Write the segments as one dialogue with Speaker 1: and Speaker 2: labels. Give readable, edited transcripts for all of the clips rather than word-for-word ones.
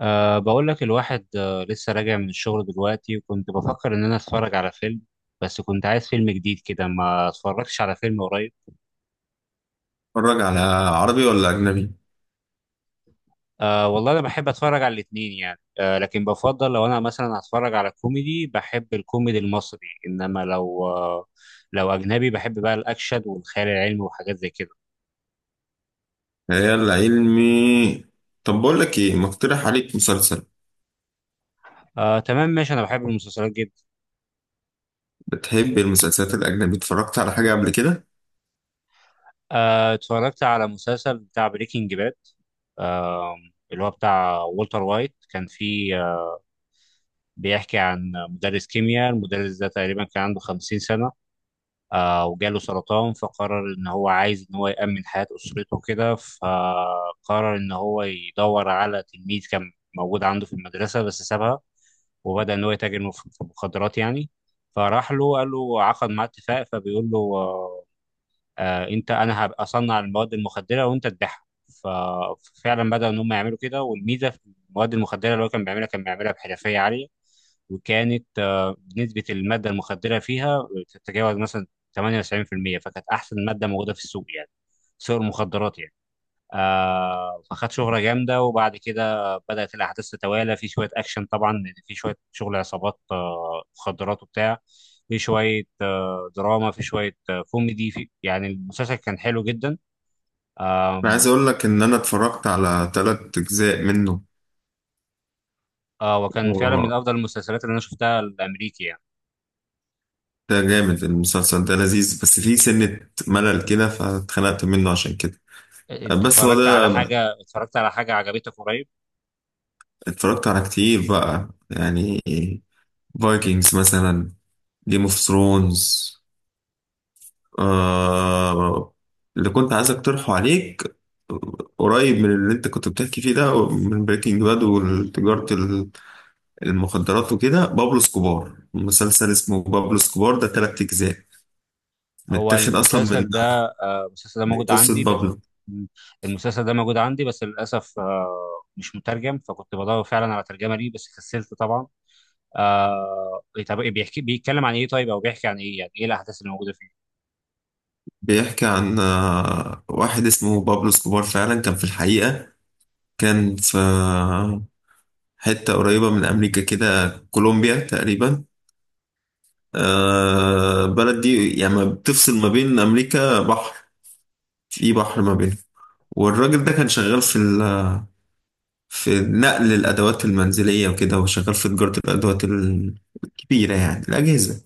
Speaker 1: بقول لك الواحد، لسه راجع من الشغل دلوقتي، وكنت بفكر إن أنا أتفرج على فيلم. بس كنت عايز فيلم جديد كده، ما اتفرجتش على فيلم قريب.
Speaker 2: اتفرج على عربي ولا أجنبي؟
Speaker 1: والله أنا بحب أتفرج على الاتنين يعني، لكن بفضل لو أنا مثلا هتفرج على كوميدي بحب الكوميدي المصري. إنما لو أه لو أجنبي بحب بقى الأكشن والخيال العلمي وحاجات زي كده.
Speaker 2: خيال علمي. طب بقول لك إيه؟ مقترح عليك مسلسل.
Speaker 1: تمام ماشي، أنا بحب المسلسلات جدا.
Speaker 2: بتحب المسلسلات الأجنبي؟ اتفرجت على حاجة قبل كده؟
Speaker 1: اتفرجت على مسلسل بتاع بريكنج باد، آه، اللي هو بتاع والتر وايت. كان فيه، بيحكي عن مدرس كيمياء. المدرس ده تقريبا كان عنده 50 سنة، وجاله سرطان. فقرر إن هو عايز إن هو يأمن حياة أسرته كده، فقرر إن هو يدور على تلميذ كان موجود عنده في المدرسة بس سابها، وبدأ إن هو يتاجر في المخدرات يعني. فراح له قال له، عقد معاه اتفاق، فبيقول له: آه انت انا هبقى اصنع المواد المخدره وانت تبيعها. ف- ففعلا بداوا ان هم يعملوا كده. والميزه في المواد المخدره اللي هو كان بيعملها بحرفيه عاليه. وكانت نسبه الماده المخدره فيها تتجاوز مثلا 98%، فكانت احسن ماده موجوده في السوق يعني، سوق المخدرات يعني. فخد شهرة جامدة، وبعد كده بدأت الأحداث تتوالى. في شوية أكشن طبعا لأن في شوية شغل عصابات، مخدرات وبتاع، في شوية دراما، في شوية كوميدي. في يعني المسلسل كان حلو جدا.
Speaker 2: أنا
Speaker 1: آم،
Speaker 2: عايز أقول لك إن أنا اتفرجت على تلات أجزاء منه.
Speaker 1: آه وكان فعلا من
Speaker 2: و-
Speaker 1: أفضل المسلسلات اللي أنا شفتها الأمريكي يعني.
Speaker 2: ده جامد، المسلسل ده لذيذ، بس فيه سنة ملل كده فاتخنقت منه عشان كده.
Speaker 1: أنت
Speaker 2: بس هو
Speaker 1: اتفرجت على
Speaker 2: ده،
Speaker 1: حاجة، عجبتك قريب؟
Speaker 2: اتفرجت على كتير بقى يعني، فايكنجز مثلا، جيم اوف ثرونز. آه، اللي كنت عايز اقترحه عليك قريب من اللي انت كنت بتحكي فيه ده، من بريكنج باد وتجارة المخدرات وكده، بابلو سكوبار. مسلسل اسمه بابلو سكوبار، ده تلات أجزاء،
Speaker 1: هو
Speaker 2: متاخد أصلا من
Speaker 1: المسلسل ده آه، المسلسل ده موجود عندي
Speaker 2: قصة
Speaker 1: بس.
Speaker 2: بابلو.
Speaker 1: مم. المسلسل ده موجود عندي بس للأسف، مش مترجم. فكنت بدور فعلا على ترجمة ليه بس كسلت طبعا. آه، إيه، طب إيه بيحكي، بيتكلم عن ايه، طيب او بيحكي عن ايه يعني، ايه الأحداث اللي موجودة فيه؟
Speaker 2: بيحكي عن واحد اسمه بابلو سكوبار، فعلا كان في الحقيقة، كان في حتة قريبة من أمريكا كده، كولومبيا تقريبا. البلد دي يعني بتفصل ما بين أمريكا بحر، في بحر ما بينهم. والراجل ده كان شغال في في نقل الأدوات المنزلية وكده، وشغال في تجارة الأدوات الكبيرة، يعني الأجهزة.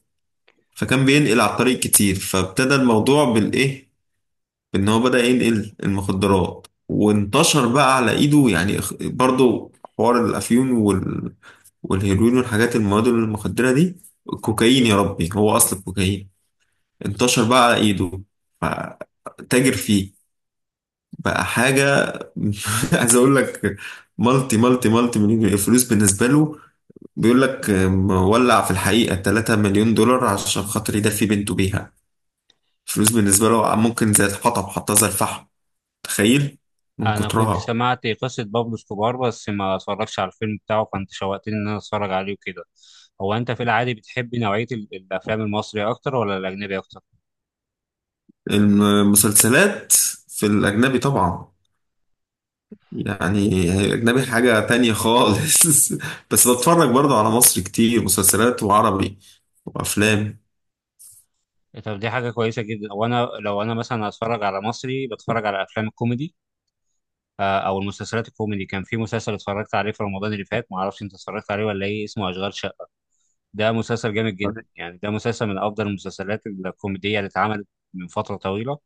Speaker 2: فكان بينقل على الطريق كتير. فابتدى الموضوع بالإيه؟ بإن هو بدأ ينقل المخدرات، وانتشر بقى على إيده، يعني برضو حوار الأفيون والهيروين والحاجات المواد المخدرة دي، الكوكايين. يا ربي، هو أصل الكوكايين انتشر بقى على إيده، فتاجر فيه، بقى حاجة. عايز أقول لك مالتي مليون، فلوس بالنسبة له. بيقول لك مولع في الحقيقة 3 مليون دولار عشان خاطر يدفي بنته بيها. فلوس بالنسبة له ممكن زي الحطب، حطها زي الفحم. تخيل من
Speaker 1: انا كنت
Speaker 2: كترها.
Speaker 1: سمعت قصة بابلو اسكوبار بس ما اتفرجتش على الفيلم بتاعه، فانت شوقتني ان انا اتفرج عليه وكده. هو انت في العادي بتحب نوعية الافلام المصري اكتر ولا الاجنبي اكتر؟
Speaker 2: المسلسلات في الأجنبي طبعا، يعني الأجنبي حاجة تانية خالص. بس بتفرج برضه على مصر كتير، مسلسلات وعربي وأفلام.
Speaker 1: طب دي حاجة كويسة جدا، وانا لو انا مثلا هتفرج على مصري بتفرج على افلام الكوميدي، او المسلسلات الكوميدي. كان في مسلسل اتفرجت عليه في رمضان اللي فات، ما اعرفش انت اتفرجت عليه ولا ايه، اسمه اشغال شقه. ده مسلسل جامد جدا يعني، ده مسلسل من افضل المسلسلات الكوميديه اللي اتعملت من فتره طويله.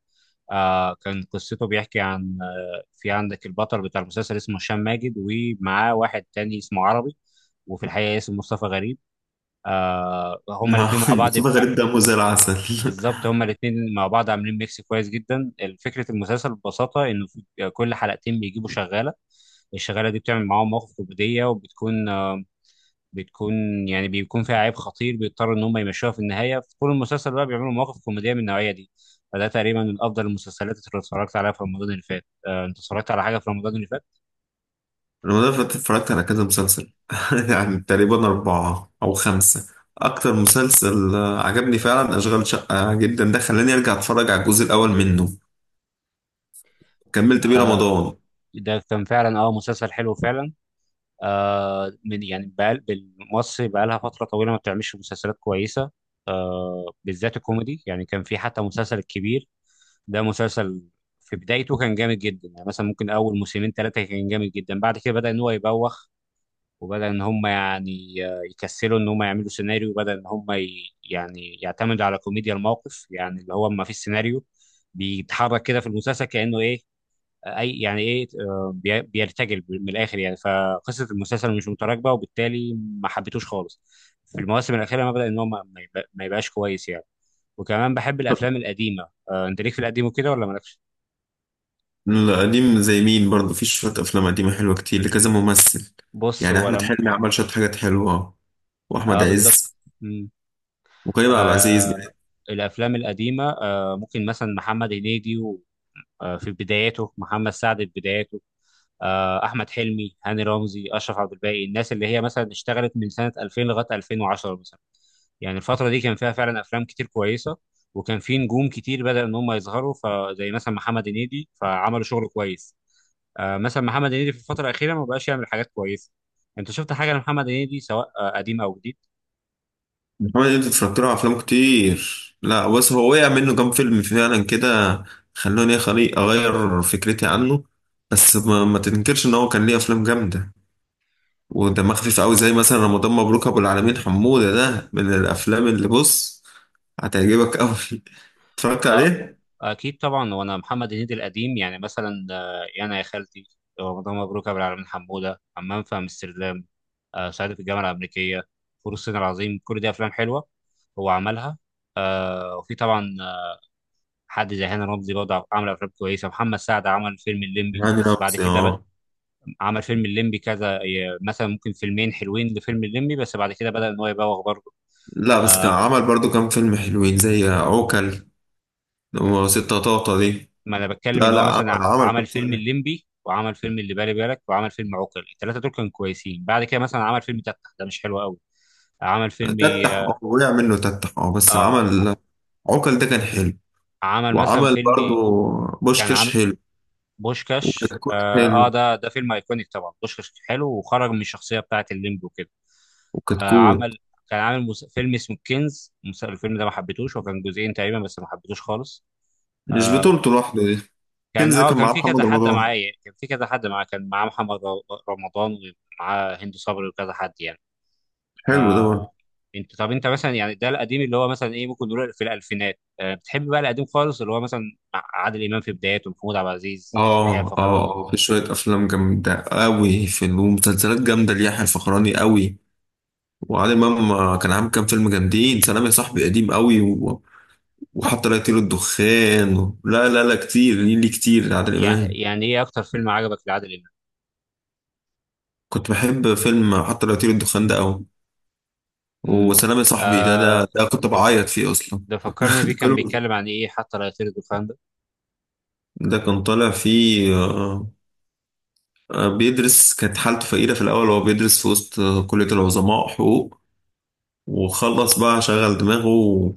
Speaker 1: كان قصته بيحكي عن، في عندك البطل بتاع المسلسل اسمه هشام ماجد، ومعاه واحد تاني اسمه عربي، وفي الحقيقة اسمه مصطفى غريب. هما الاتنين مع بعض.
Speaker 2: مصطفى غريب دمه زي العسل.
Speaker 1: بالظبط، هما الاثنين مع بعض عاملين ميكس كويس جدا. فكره المسلسل ببساطه، انه في كل حلقتين بيجيبوا شغاله. الشغاله دي بتعمل معاهم مواقف كوميديه، وبتكون بتكون يعني بيكون فيها عيب خطير بيضطروا ان هم يمشوها في النهايه. في طول المسلسل بقى بيعملوا مواقف كوميديه من النوعيه دي. فده تقريبا من افضل المسلسلات اللي اتفرجت عليها في رمضان اللي فات. انت اتفرجت على حاجه في رمضان اللي فات؟
Speaker 2: رمضان اللي فات اتفرجت على كذا مسلسل، يعني تقريبا أربعة أو خمسة. أكتر مسلسل عجبني فعلا أشغال شقة جدا، ده خلاني أرجع أتفرج على الجزء الأول منه، كملت بيه
Speaker 1: آه،
Speaker 2: رمضان.
Speaker 1: ده كان فعلا مسلسل حلو فعلا. من يعني بقال، مصر بقى لها فترة طويلة ما بتعملش مسلسلات كويسة، بالذات الكوميدي يعني. كان في حتى مسلسل الكبير، ده مسلسل في بدايته كان جامد جدا يعني. مثلا ممكن أول موسمين ثلاثة كان جامد جدا، بعد كده بدأ إن هو يبوخ، وبدأ إن هم يعني يكسلوا إن هم يعملوا سيناريو. وبدأ إن هم يعني يعتمدوا على كوميديا الموقف، يعني اللي هو ما فيش سيناريو. بيتحرك كده في المسلسل كأنه إيه، اي يعني ايه، بيرتجل من الاخر يعني. فقصه المسلسل مش متراكبه، وبالتالي ما حبيتوش خالص. في المواسم الاخيره ما بدا ان هو ما يبقاش كويس يعني. وكمان بحب الافلام القديمه. انت ليك في القديم وكده ولا مالكش؟
Speaker 2: القديم زي مين؟ برضه في شوية أفلام قديمة حلوة كتير لكذا ممثل.
Speaker 1: بص
Speaker 2: يعني
Speaker 1: هو
Speaker 2: أحمد
Speaker 1: لم.
Speaker 2: حلمي عمل شوية حاجات حلوة، وأحمد
Speaker 1: اه بالظبط.
Speaker 2: عز،
Speaker 1: مم.
Speaker 2: وكريم عبد
Speaker 1: آه
Speaker 2: العزيز.
Speaker 1: الافلام القديمه، ممكن مثلا محمد هنيدي في بداياته، محمد سعد في بداياته، احمد حلمي، هاني رمزي، اشرف عبد الباقي. الناس اللي هي مثلا اشتغلت من سنه 2000 لغايه 2010 مثلا، يعني الفتره دي كان فيها فعلا افلام كتير كويسه. وكان في نجوم كتير بدأ ان هم يظهروا، فزي مثلا محمد هنيدي فعملوا شغل كويس. مثلا محمد هنيدي في الفتره الاخيره ما بقاش يعمل حاجات كويسه. انت شفت حاجه لمحمد هنيدي سواء قديم او
Speaker 2: محمد، انت اتفرجت له على افلام كتير؟ لا، بس هو وقع منه كام فيلم فعلا كده، خلوني اغير فكرتي عنه. بس ما تنكرش ان هو كان ليه افلام جامده ودمها خفيف قوي، زي مثلا رمضان مبروك ابو العالمين حموده، ده من الافلام اللي بص، هتعجبك قوي. اتفرجت
Speaker 1: جديد؟
Speaker 2: عليه؟
Speaker 1: اكيد طبعا، وانا محمد هنيدي القديم يعني مثلا، يا انا يا خالتي، رمضان مبروك يا ابو العالمين حموده، حمام في امستردام، صعيدي في الجامعه الامريكيه، فول الصين العظيم، كل دي افلام حلوه هو عملها. وفي طبعا، حد زي هاني رمزي برضه عمل افلام كويسه. محمد سعد عمل فيلم الليمبي،
Speaker 2: يعني
Speaker 1: بس بعد
Speaker 2: نفسي
Speaker 1: كده
Speaker 2: اه.
Speaker 1: عمل فيلم الليمبي كذا مثلا ممكن فيلمين حلوين لفيلم الليمبي، بس بعد كده بدأ ان هو يبوغ برضه.
Speaker 2: لا، بس كان
Speaker 1: آه،
Speaker 2: عمل برضو كام فيلم حلوين، زي عوكل وستة طاطا دي.
Speaker 1: ما انا بتكلم
Speaker 2: لا
Speaker 1: ان هو
Speaker 2: لا،
Speaker 1: مثلا
Speaker 2: عمل كام
Speaker 1: عمل فيلم
Speaker 2: فيلم،
Speaker 1: الليمبي، وعمل فيلم اللي بالي بالك، وعمل فيلم عوكل، الثلاثه دول كانوا كويسين. بعد كده مثلا عمل فيلم تفتح، ده مش حلو قوي. عمل فيلم
Speaker 2: تتح اه، وقع منه تتح اه، بس
Speaker 1: اه
Speaker 2: عمل عوكل ده كان حلو،
Speaker 1: عمل مثلا
Speaker 2: وعمل
Speaker 1: فيلم
Speaker 2: برضو
Speaker 1: كان
Speaker 2: بوشكاش
Speaker 1: عامل
Speaker 2: حلو،
Speaker 1: بوشكاش،
Speaker 2: وكتكوت
Speaker 1: اه, آه
Speaker 2: حلو.
Speaker 1: ده ده فيلم ايكونيك طبعا. بوشكاش حلو وخرج من الشخصيه بتاعت الليمبي وكده. آه
Speaker 2: وكتكوت
Speaker 1: عمل كان عامل فيلم اسمه كنز، الفيلم ده ما حبيتوش، وكان جزئين تقريبا بس ما حبيتوش خالص.
Speaker 2: مش
Speaker 1: آه،
Speaker 2: بطولته لوحده دي.
Speaker 1: كان
Speaker 2: كنز
Speaker 1: اه
Speaker 2: كان
Speaker 1: كان
Speaker 2: معاه
Speaker 1: في كذا
Speaker 2: محمد
Speaker 1: حد
Speaker 2: رمضان.
Speaker 1: معايا، كان في كذا حد معاه كان معاه محمد رمضان، ومعاه هند صبري وكذا حد يعني.
Speaker 2: حلو ده برضه.
Speaker 1: آه انت طب انت مثلا يعني، ده القديم اللي هو مثلا ايه، ممكن نقول في الالفينات. بتحب بقى القديم خالص، اللي هو مثلا مع عادل امام في بداياته ومحمود عبد العزيز اللي هي
Speaker 2: اه، اه،
Speaker 1: الفخراني؟
Speaker 2: اه، في شوية أفلام جامدة أوي، في ومسلسلات جامدة ليحيى الفخراني أوي. وعادل إمام كان عامل كام فيلم جامدين، سلام يا صاحبي قديم أوي، وحتى لا يطير الدخان، لا لا لا، كتير ليه، كتير عادل إمام.
Speaker 1: يعني ايه اكتر فيلم عجبك لعادل امام؟
Speaker 2: كنت بحب فيلم حتى لا يطير الدخان ده أوي،
Speaker 1: امم
Speaker 2: وسلام يا صاحبي ده،
Speaker 1: آه
Speaker 2: ده كنت بعيط فيه أصلا.
Speaker 1: ده فكرني بيه، كان
Speaker 2: الفيلم
Speaker 1: بيتكلم عن ايه حتى لا يطير الدخان ده؟
Speaker 2: ده كان طالع فيه بيدرس، كانت حالته فقيرة في الأول، هو بيدرس في وسط كلية العظماء، حقوق، وخلص بقى شغل دماغه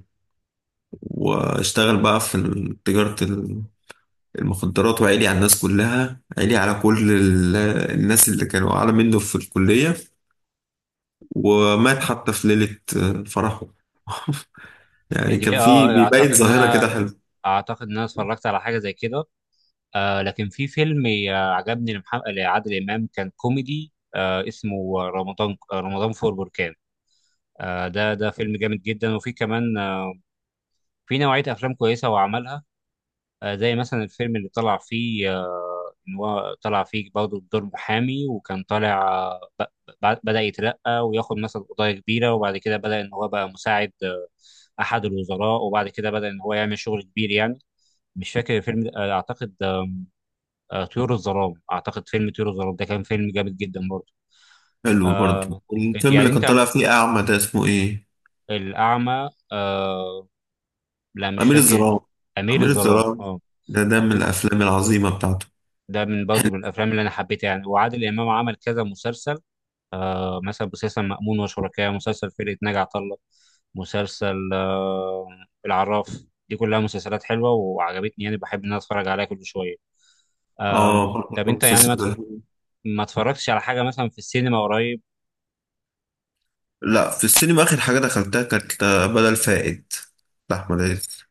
Speaker 2: واشتغل بقى في تجارة المخدرات، وعلي على الناس كلها، علي على كل الناس اللي كانوا أعلى منه في الكلية، ومات حتى في ليلة فرحه.
Speaker 1: يعني
Speaker 2: يعني كان
Speaker 1: دي
Speaker 2: فيه بيبين
Speaker 1: اعتقد ان
Speaker 2: ظاهرة
Speaker 1: انا،
Speaker 2: كده حلو.
Speaker 1: اتفرجت على حاجه زي كده. لكن في فيلم عجبني لعادل إمام كان كوميدي، اسمه رمضان فور بركان. ده فيلم جامد جدا. وفي كمان في نوعية أفلام كويسة هو عملها، زي مثلا الفيلم اللي طلع فيه، إن هو طلع فيه برضه بدور محامي، وكان طالع بدأ يترقى وياخد مثلا قضايا كبيرة. وبعد كده بدأ إن هو بقى مساعد أحد الوزراء، وبعد كده بدأ إن هو يعمل شغل كبير يعني. مش فاكر الفيلم ده، أعتقد طيور الظلام. اعتقد فيلم طيور الظلام ده كان فيلم جامد جدا برضه.
Speaker 2: حلو برضه
Speaker 1: آه
Speaker 2: الفيلم اللي
Speaker 1: يعني
Speaker 2: كان
Speaker 1: انت،
Speaker 2: طالع فيه أعمى، ده اسمه إيه؟
Speaker 1: الاعمى، لا مش
Speaker 2: أمير
Speaker 1: فاكر.
Speaker 2: الظلام.
Speaker 1: امير
Speaker 2: أمير
Speaker 1: الظلام،
Speaker 2: الظلام
Speaker 1: اه.
Speaker 2: ده، ده من
Speaker 1: تو-
Speaker 2: الأفلام العظيمة بتاعته.
Speaker 1: ده من برضه
Speaker 2: حلو،
Speaker 1: من الافلام اللي انا حبيتها يعني. وعادل امام عمل كذا مسلسل، مثلا مسلسل مأمون وشركاه، مسلسل فرقة ناجي عطا الله، مسلسل العراف. دي كلها مسلسلات حلوه وعجبتني يعني، بحب ان انا اتفرج عليها كل شويه.
Speaker 2: آه برضه
Speaker 1: طب
Speaker 2: كان
Speaker 1: انت يعني
Speaker 2: مسلسل ده.
Speaker 1: ما اتفرجتش على حاجه مثلا في السينما قريب؟
Speaker 2: لا، في السينما آخر حاجة دخلتها كانت بدل فائد لأحمد عز.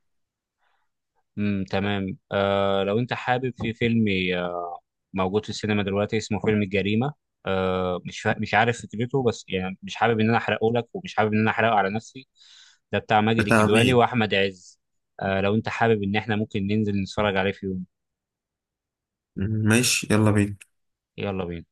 Speaker 1: امم، تمام. لو انت حابب، في فيلم آه، موجود في السينما دلوقتي اسمه فيلم الجريمة، مش مش عارف فكرته، بس يعني مش حابب ان انا احرقه لك، ومش حابب ان انا احرقه على نفسي. ده بتاع ماجد
Speaker 2: بتاع
Speaker 1: الكدواني
Speaker 2: مين؟
Speaker 1: واحمد عز. لو انت حابب، ان احنا ممكن ننزل نتفرج عليه في يوم.
Speaker 2: ماشي، يلا بينا.
Speaker 1: يلا بينا.